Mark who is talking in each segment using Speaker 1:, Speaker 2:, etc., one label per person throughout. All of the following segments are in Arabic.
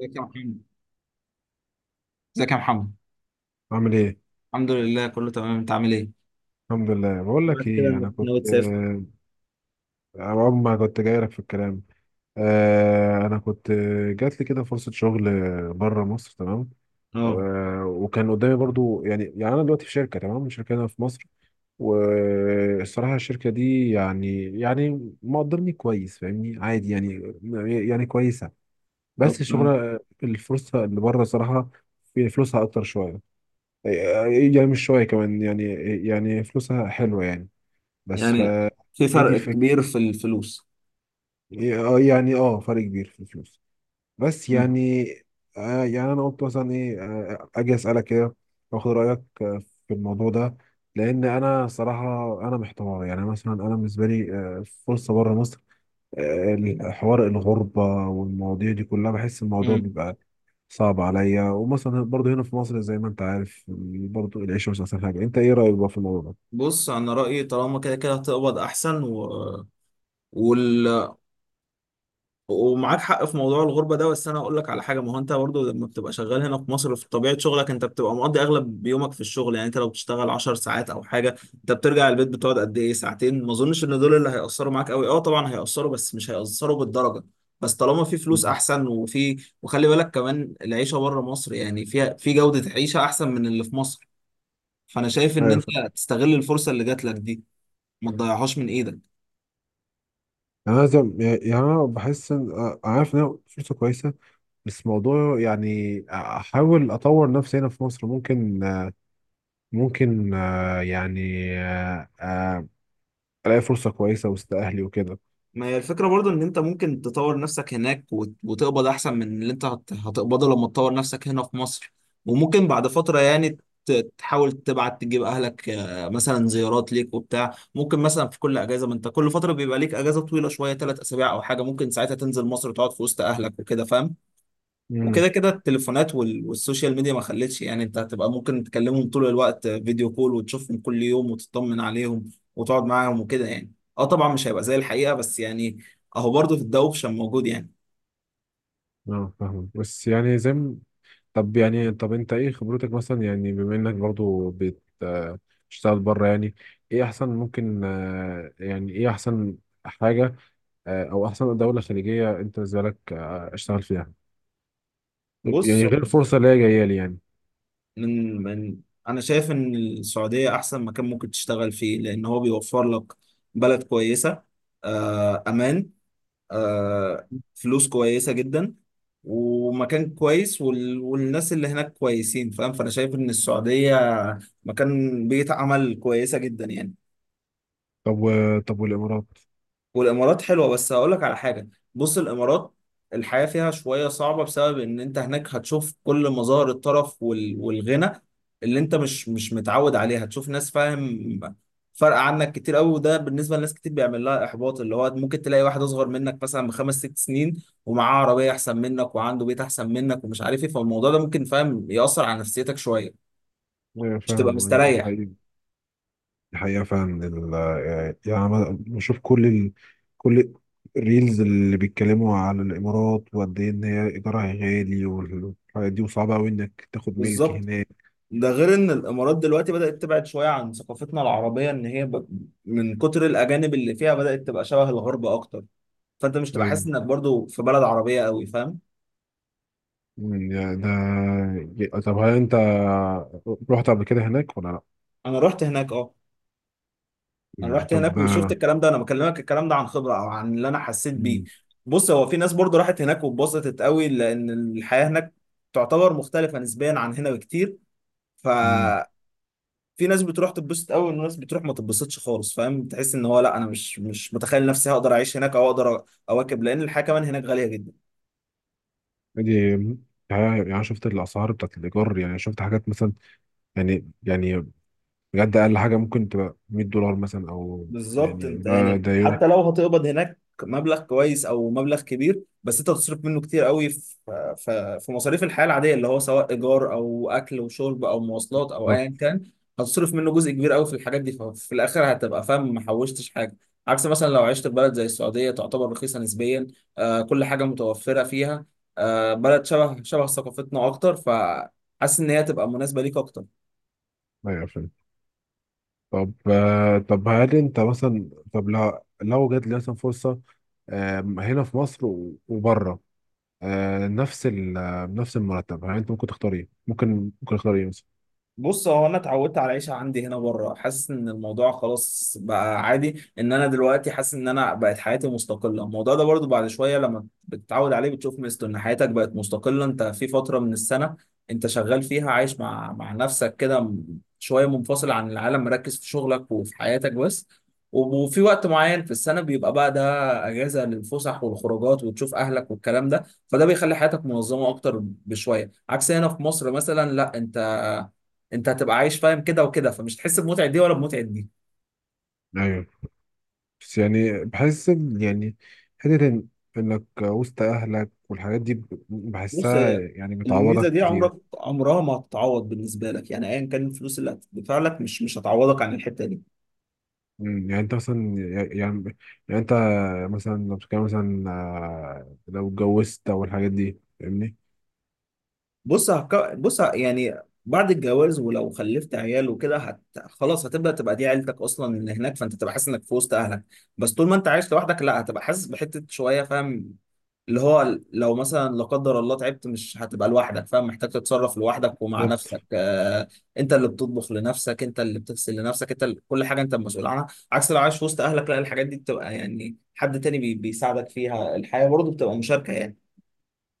Speaker 1: ازيك يا محمد ازيك يا محمد.
Speaker 2: عامل ايه؟
Speaker 1: الحمد لله، كله تمام. انت عامل ايه؟
Speaker 2: الحمد لله. بقول لك
Speaker 1: دلوقتي كده
Speaker 2: ايه،
Speaker 1: انك
Speaker 2: انا كنت
Speaker 1: ناوي تسافر؟
Speaker 2: اول ما كنت جاي لك في الكلام. انا كنت، جات لي كده فرصة شغل بره مصر. تمام.
Speaker 1: اه.
Speaker 2: وكان قدامي برضو، يعني انا دلوقتي في شركة، تمام، شركة هنا في مصر. والصراحة الشركة دي يعني مقدرني كويس، فاهمني، عادي يعني، يعني كويسة.
Speaker 1: طب
Speaker 2: بس
Speaker 1: تمام.
Speaker 2: الشغل، الفرصة اللي بره، صراحة في فلوسها أكتر شوية. يعني مش شوية كمان يعني، يعني فلوسها حلوة يعني. بس ف،
Speaker 1: يعني في
Speaker 2: هي دي
Speaker 1: فرق
Speaker 2: الفكرة.
Speaker 1: كبير في الفلوس؟
Speaker 2: إيه، اه يعني اه فرق كبير في الفلوس، بس
Speaker 1: مم.
Speaker 2: يعني. يعني انا قلت مثلا ايه، اجي اسالك كده، واخد رايك في الموضوع ده. لان انا صراحة انا محتار، يعني مثلا انا بالنسبة لي فرصة بره مصر، آه حوار الغربة والمواضيع دي كلها، بحس الموضوع
Speaker 1: مم.
Speaker 2: بيبقى صعب عليا. ومثلا برضه هنا في مصر زي ما انت عارف، برضه العيشة مش احسن حاجة. انت ايه رايك بقى في الموضوع ده؟
Speaker 1: بص، انا رايي طالما كده كده هتقبض احسن وال... ومعاك حق في موضوع الغربة ده. بس أنا أقول لك على حاجة، ما هو أنت برضو لما بتبقى شغال هنا في مصر في طبيعة شغلك أنت بتبقى مقضي أغلب يومك في الشغل. يعني أنت لو بتشتغل 10 ساعات أو حاجة، أنت بترجع البيت بتقعد قد إيه؟ ساعتين. ما أظنش إن دول اللي هيأثروا معاك أوي. أه طبعا هيأثروا بس مش هيأثروا بالدرجة. بس طالما في فلوس أحسن وخلي بالك كمان العيشة بره مصر يعني فيها في جودة عيشة أحسن من اللي في مصر. فأنا شايف إن
Speaker 2: مم.
Speaker 1: أنت تستغل الفرصة اللي جات لك دي، ما تضيعهاش من إيدك.
Speaker 2: يعني انا يعني انا بحس ان، عارف ان انا فرصه كويسه. بس موضوع، يعني احاول اطور نفسي هنا في مصر، ممكن، ممكن، يعني آه، آه، الاقي فرصه كويسه وسط اهلي وكده.
Speaker 1: ما هي الفكرة برضو ان انت ممكن تطور نفسك هناك وتقبض احسن من اللي انت هتقبضه لما تطور نفسك هنا في مصر. وممكن بعد فترة يعني ت- تحاول تبعت تجيب اهلك، مثلا زيارات ليك وبتاع. ممكن مثلا في كل اجازة، ما انت كل فترة بيبقى ليك اجازة طويلة شوية، ثلاث اسابيع او حاجة، ممكن ساعتها تنزل مصر وتقعد في وسط اهلك وكده، فاهم؟ وكده
Speaker 2: امم،
Speaker 1: كده التليفونات والسوشيال ميديا ما خلتش، يعني انت هتبقى ممكن تكلمهم طول الوقت فيديو كول وتشوفهم كل يوم وتطمن عليهم وتقعد معاهم وكده يعني. اه طبعا مش هيبقى زي الحقيقة، بس يعني اهو برضه في الدوشة موجود يعني.
Speaker 2: اه فاهم. بس يعني زي طب يعني، طب انت ايه خبرتك مثلا، يعني بما انك برضو بتشتغل بره يعني. ايه احسن، ممكن، يعني ايه احسن حاجه، او احسن دوله خليجيه انت بالنسبه لك اشتغل فيها،
Speaker 1: بص،
Speaker 2: يعني غير الفرصة اللي هي جاية لي يعني.
Speaker 1: من من انا شايف ان السعودية احسن مكان ممكن تشتغل فيه، لان هو بيوفر لك بلد كويسة، آه، امان، آه، فلوس كويسة جدا ومكان كويس والناس اللي هناك كويسين، فاهم؟ فأنا شايف إن السعودية مكان بيئة عمل كويسة جدا يعني.
Speaker 2: طب طب والإمارات؟
Speaker 1: والامارات حلوه بس هقول لك على حاجه. بص الامارات الحياه فيها شويه صعبه، بسبب ان انت هناك هتشوف كل مظاهر الطرف والغنى اللي انت مش متعود عليها. هتشوف ناس، فاهم، فرق عنك كتير قوي. وده بالنسبه لناس كتير بيعمل لها احباط، اللي هو ممكن تلاقي واحد اصغر منك مثلا بخمس ست سنين ومعاه عربيه احسن منك وعنده بيت احسن منك ومش عارف ايه. فالموضوع ده ممكن، فاهم، ياثر على نفسيتك شويه،
Speaker 2: أيوة،
Speaker 1: مش تبقى
Speaker 2: فاهم.
Speaker 1: مستريح.
Speaker 2: الحقيقة، الحقيقة فعلا يعني أنا بشوف كل كل الريلز اللي بيتكلموا على الإمارات، وقد إيه إن هي إيجارها غالي والحاجات دي، وصعبة أوي إنك تاخد ملك
Speaker 1: بالظبط.
Speaker 2: هناك.
Speaker 1: ده غير ان الامارات دلوقتي بدأت تبعد شوية عن ثقافتنا العربية، ان هي من كتر الاجانب اللي فيها بدأت تبقى شبه الغرب اكتر. فانت مش تبقى
Speaker 2: أيوة.
Speaker 1: حاسس انك برضو في بلد عربية قوي، فاهم.
Speaker 2: أمم، يعني ده، طب هل أنت رحت قبل كده هناك ولا لأ؟
Speaker 1: انا رحت هناك اه. انا
Speaker 2: يعني
Speaker 1: رحت هناك
Speaker 2: طب
Speaker 1: وشفت الكلام ده، انا بكلمك الكلام ده عن خبرة او عن اللي انا حسيت بيه.
Speaker 2: أمم.
Speaker 1: بص، هو في ناس برضو راحت هناك واتبسطت قوي لان الحياة هناك تعتبر مختلفة نسبيا عن هنا بكتير. ف
Speaker 2: أمم.
Speaker 1: في ناس بتروح تتبسط قوي وناس بتروح ما تتبسطش خالص، فاهم، تحس ان هو لا، انا مش متخيل نفسي هقدر اعيش هناك او اقدر اواكب، لان الحياه كمان هناك غاليه جدا.
Speaker 2: دي، يعني أنا شفت الأسعار بتاعت الإيجار، يعني شفت حاجات مثلا، يعني، يعني بجد اقل حاجه ممكن تبقى 100 دولار مثلا او،
Speaker 1: بالظبط،
Speaker 2: يعني
Speaker 1: انت
Speaker 2: ده،
Speaker 1: يعني
Speaker 2: ده يوم.
Speaker 1: حتى لو هتقبض هناك مبلغ كويس او مبلغ كبير، بس انت هتصرف منه كتير قوي في في مصاريف الحياه العاديه، اللي هو سواء ايجار او اكل وشرب او مواصلات او
Speaker 2: بالظبط.
Speaker 1: ايا كان. هتصرف منه جزء كبير قوي في الحاجات دي، ففي الاخر هتبقى فاهم ما حوشتش حاجه. عكس مثلا لو عشت في بلد زي السعوديه تعتبر رخيصه نسبيا، آه، كل حاجه متوفره فيها، آه، بلد شبه ثقافتنا اكتر، فحاسس ان هي تبقى مناسبه ليك اكتر.
Speaker 2: ايوه، فهمت. طب طب هل انت مثلا، طب لو لو جات لي مثلا فرصه هنا في مصر وبره، نفس ال، نفس المرتب، هل انت ممكن تختار ايه؟ ممكن ممكن اختار ايه مثلا؟
Speaker 1: بص هو انا اتعودت على العيشه عندي هنا بره، حاسس ان الموضوع خلاص بقى عادي، ان انا دلوقتي حاسس ان انا بقت حياتي مستقله. الموضوع ده برضو بعد شويه لما بتتعود عليه بتشوف مثله ان حياتك بقت مستقله. انت في فتره من السنه انت شغال فيها عايش مع نفسك كده، شويه منفصل عن العالم، مركز في شغلك وفي حياتك بس. وفي وقت معين في السنه بيبقى بقى ده اجازه للفسح والخروجات وتشوف اهلك والكلام ده، فده بيخلي حياتك منظمه اكتر بشويه. عكس هنا في مصر مثلا لا، انت انت هتبقى عايش، فاهم، كده وكده، فمش هتحس بمتعه دي ولا بمتعه دي.
Speaker 2: ايوه. بس يعني بحس يعني، حته انك وسط اهلك والحاجات دي،
Speaker 1: بص
Speaker 2: بحسها
Speaker 1: هي
Speaker 2: يعني،
Speaker 1: الميزه
Speaker 2: بتعوضك
Speaker 1: دي عمرك
Speaker 2: كتير.
Speaker 1: عمرها ما هتتعوض بالنسبه لك يعني، ايا كان الفلوس اللي هتدفع لك مش هتعوضك عن الحته دي.
Speaker 2: مم، يعني انت مثلا، يعني، يعني انت مثلا لو بتتكلم مثلا لو اتجوزت او الحاجات دي فاهمني.
Speaker 1: بص هك... بص ه- يعني بعد الجواز ولو خلفت عيال وكده خلاص هتبدا تبقى دي عيلتك اصلا اللي هناك، فانت تبقى حاسس انك في وسط اهلك. بس طول ما انت عايش لوحدك لا، هتبقى حاسس بحته شويه، فاهم، اللي هو لو مثلا لا قدر الله تعبت مش هتبقى لوحدك، فاهم، محتاج تتصرف لوحدك ومع
Speaker 2: بالظبط.
Speaker 1: نفسك. آه، انت اللي بتطبخ لنفسك، انت اللي بتغسل لنفسك، انت اللي كل حاجه انت المسؤول عنها. عكس لو عايش وسط اهلك لا، الحاجات دي بتبقى يعني حد تاني بي بيساعدك فيها، الحياه برضه بتبقى مشاركه يعني.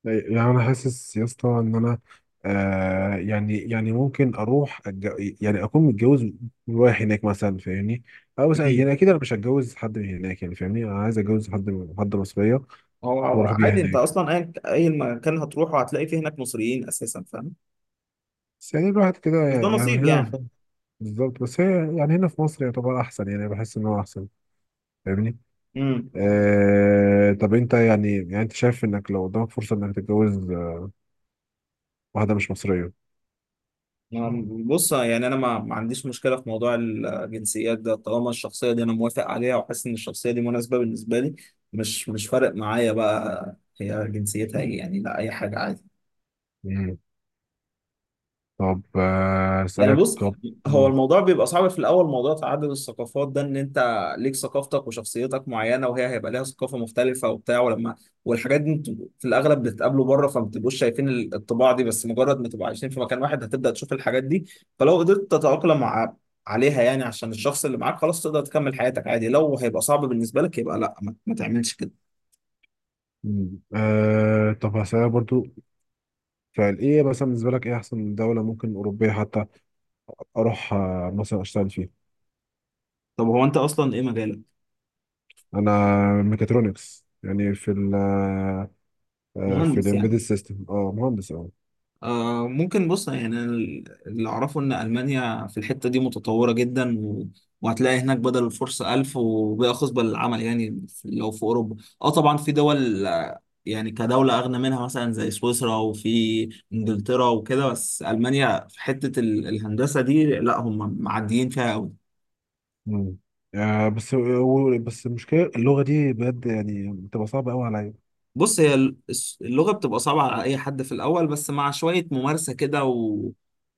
Speaker 2: يعني انا حاسس يا اسطى ان انا، يعني، يعني ممكن اروح يعني اكون متجوز، رايح هناك مثلا فاهمني. او مثلا،
Speaker 1: مم.
Speaker 2: يعني اكيد انا مش هتجوز حد من هناك يعني، فاهمني، انا عايز اتجوز حد من، حد مصريه،
Speaker 1: هو هو
Speaker 2: واروح بيها
Speaker 1: عادي، انت
Speaker 2: هناك.
Speaker 1: اصلا اي مكان هتروحه هتلاقي فيه هناك مصريين اساسا، فاهم.
Speaker 2: بس يعني الواحد كده
Speaker 1: بس ده
Speaker 2: يعني، يعني من
Speaker 1: نصيب
Speaker 2: هنا
Speaker 1: يعني.
Speaker 2: بالظبط. بس هي يعني، هنا في مصر يعتبر احسن، يعني بحس ان هو احسن، فاهمني.
Speaker 1: امم.
Speaker 2: طب انت يعني، يعني انت شايف انك لو قدامك فرصة انك تتجوز واحدة مش مصرية؟
Speaker 1: بص يعني انا ما عنديش مشكله في موضوع الجنسيات ده طالما الشخصيه دي انا موافق عليها وحاسس ان الشخصيه دي مناسبه بالنسبه لي. مش فارق معايا بقى هي جنسيتها ايه يعني، لا اي حاجه عادي.
Speaker 2: مم. طب
Speaker 1: يعني
Speaker 2: اسألك.
Speaker 1: بص
Speaker 2: طب.
Speaker 1: هو
Speaker 2: مم.
Speaker 1: الموضوع بيبقى صعب في الاول، موضوع تعدد الثقافات ده ان انت ليك ثقافتك وشخصيتك معينه وهي هيبقى ليها ثقافه مختلفه وبتاع، ولما، والحاجات دي انتوا في الاغلب بتتقابلوا بره فما بتبقوش شايفين الطباع دي. بس مجرد ما تبقوا عايشين في مكان واحد هتبدا تشوف الحاجات دي. فلو قدرت تتاقلم مع عليها يعني عشان الشخص اللي معاك خلاص تقدر تكمل حياتك عادي. لو هيبقى صعب بالنسبه لك يبقى لا، ما تعملش كده.
Speaker 2: طب هسألك برضو، فعل ايه مثلا بالنسبة لك، ايه احسن دولة ممكن اوروبية حتى اروح مثلا اشتغل فيها.
Speaker 1: طب هو انت اصلا ايه مجالك؟
Speaker 2: انا ميكاترونكس، يعني في ال، في
Speaker 1: مهندس يعني.
Speaker 2: الامبيدد سيستم، اه مهندس اه.
Speaker 1: آه ممكن. بص يعني أنا اللي أعرفه إن ألمانيا في الحتة دي متطورة جدا وهتلاقي هناك بدل الفرصة ألف، وباقي خصبة للعمل يعني، في- لو في أوروبا. أه طبعا في دول، يعني كدولة أغنى منها مثلا زي سويسرا وفي إنجلترا وكده، بس ألمانيا في حتة الهندسة دي لا هم معديين فيها أوي.
Speaker 2: مم. بس، بس المشكلة اللغة دي بجد، يعني بتبقى صعبة قوي عليا.
Speaker 1: بص هي اللغة بتبقى صعبة على أي حد في الأول، بس مع شوية ممارسة كده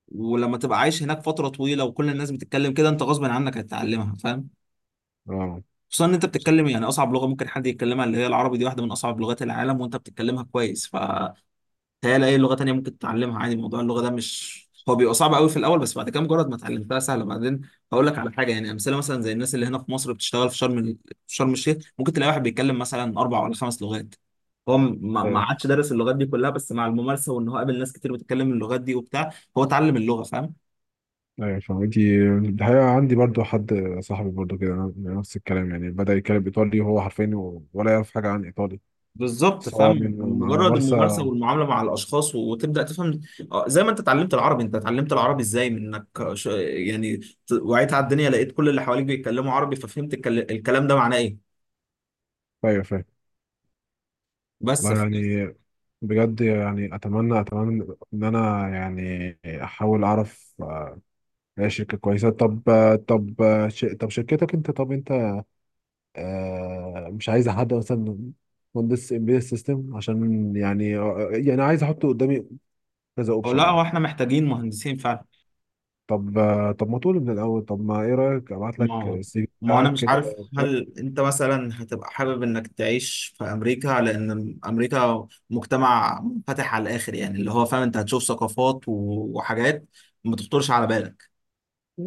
Speaker 1: ولما تبقى عايش هناك فترة طويلة وكل الناس بتتكلم كده أنت غصب عنك هتتعلمها، فاهم. خصوصا إن أنت بتتكلم يعني أصعب لغة ممكن حد يتكلمها، اللي هي العربي دي واحدة من أصعب لغات العالم وأنت بتتكلمها كويس. ف تهيألي أي لغة تانية ممكن تتعلمها عادي. موضوع اللغة ده مش هو بيبقى صعب قوي في الأول بس بعد كده مجرد ما اتعلمتها سهلة بعدين. هقول لك على حاجة يعني، أمثلة مثلا زي الناس اللي هنا في مصر بتشتغل في شرم في شرم الشيخ ممكن تلاقي واحد بيتكلم مثلا أربع ولا خمس لغات. هو ما
Speaker 2: اه
Speaker 1: عادش دارس اللغات دي كلها، بس مع الممارسة وإن هو قابل ناس كتير بتتكلم اللغات دي وبتاع، هو اتعلم اللغة، فاهم.
Speaker 2: ايوه، أيوة، فاهم. دي الحقيقة عندي برضو حد، صاحبي برضو كده نفس الكلام، يعني بدأ يتكلم ايطالي وهو حرفيا ولا يعرف حاجة عن ايطالي.
Speaker 1: بالظبط،
Speaker 2: سواء صح،
Speaker 1: فاهم،
Speaker 2: من مع
Speaker 1: مجرد الممارسه
Speaker 2: الممارسة.
Speaker 1: والمعامله مع الاشخاص وتبدا تفهم. آه، زي ما انت اتعلمت العربي، انت اتعلمت العربي ازاي؟ من انك وعيت على الدنيا لقيت كل اللي حواليك بيتكلموا عربي، ففهمت الكلام ده معناه ايه.
Speaker 2: ايوه فاهم.
Speaker 1: بس
Speaker 2: لا يعني، بجد يعني، اتمنى، اتمنى ان انا يعني احاول اعرف اي شركة كويسة. طب، طب طب شركتك انت، طب انت مش عايز حد مثلا مهندس امبيدد سيستم، عشان يعني يعني عايز احط قدامي كذا
Speaker 1: أو
Speaker 2: اوبشن
Speaker 1: لا،
Speaker 2: يعني.
Speaker 1: هو احنا محتاجين مهندسين فعلا.
Speaker 2: طب، طب ما تقول من الاول. طب، ما ايه رايك ابعت
Speaker 1: ما
Speaker 2: لك
Speaker 1: هو
Speaker 2: السي في
Speaker 1: ما هو انا
Speaker 2: بتاعك
Speaker 1: مش
Speaker 2: كده.
Speaker 1: عارف هل انت مثلا هتبقى حابب انك تعيش في امريكا، لان امريكا مجتمع منفتح على الاخر يعني، اللي هو فاهم انت هتشوف ثقافات وحاجات ما تخطرش على بالك.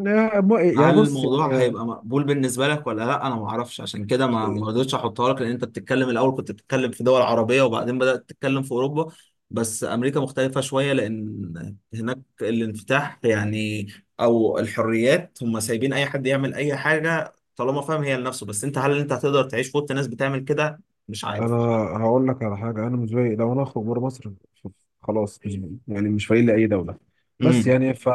Speaker 2: يعني
Speaker 1: هل
Speaker 2: بص
Speaker 1: الموضوع
Speaker 2: يعني،
Speaker 1: هيبقى مقبول بالنسبه لك ولا لا؟ انا ما اعرفش عشان كده ما رضيتش احطها لك، لان انت بتتكلم الاول كنت بتتكلم في دول عربيه وبعدين بدات تتكلم في اوروبا. بس امريكا مختلفه شويه لان هناك الانفتاح يعني، او الحريات هم سايبين اي حد يعمل اي حاجه طالما فاهم هي لنفسه. بس انت هل انت هتقدر تعيش في وسط ناس بتعمل كده؟ مش
Speaker 2: انا
Speaker 1: عارف.
Speaker 2: هقول لك على حاجه، انا بالنسبه لي لو انا اخرج بره مصر ف- خلاص، مش، يعني مش فايل لاي دوله. بس
Speaker 1: امم.
Speaker 2: يعني ف،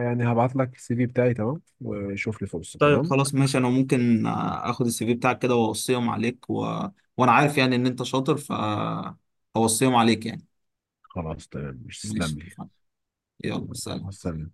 Speaker 2: يعني هبعت لك السي في بتاعي تمام، وشوف لي فرصه
Speaker 1: طيب
Speaker 2: تمام.
Speaker 1: خلاص ماشي، انا ممكن اخد السي في بتاعك كده واوصيهم عليك وانا عارف يعني ان انت شاطر، فاوصيهم عليك يعني.
Speaker 2: خلاص تمام، مش
Speaker 1: ماشي
Speaker 2: تسلم لي.
Speaker 1: اتفقنا. يلا
Speaker 2: مع
Speaker 1: سلام.
Speaker 2: السلامة.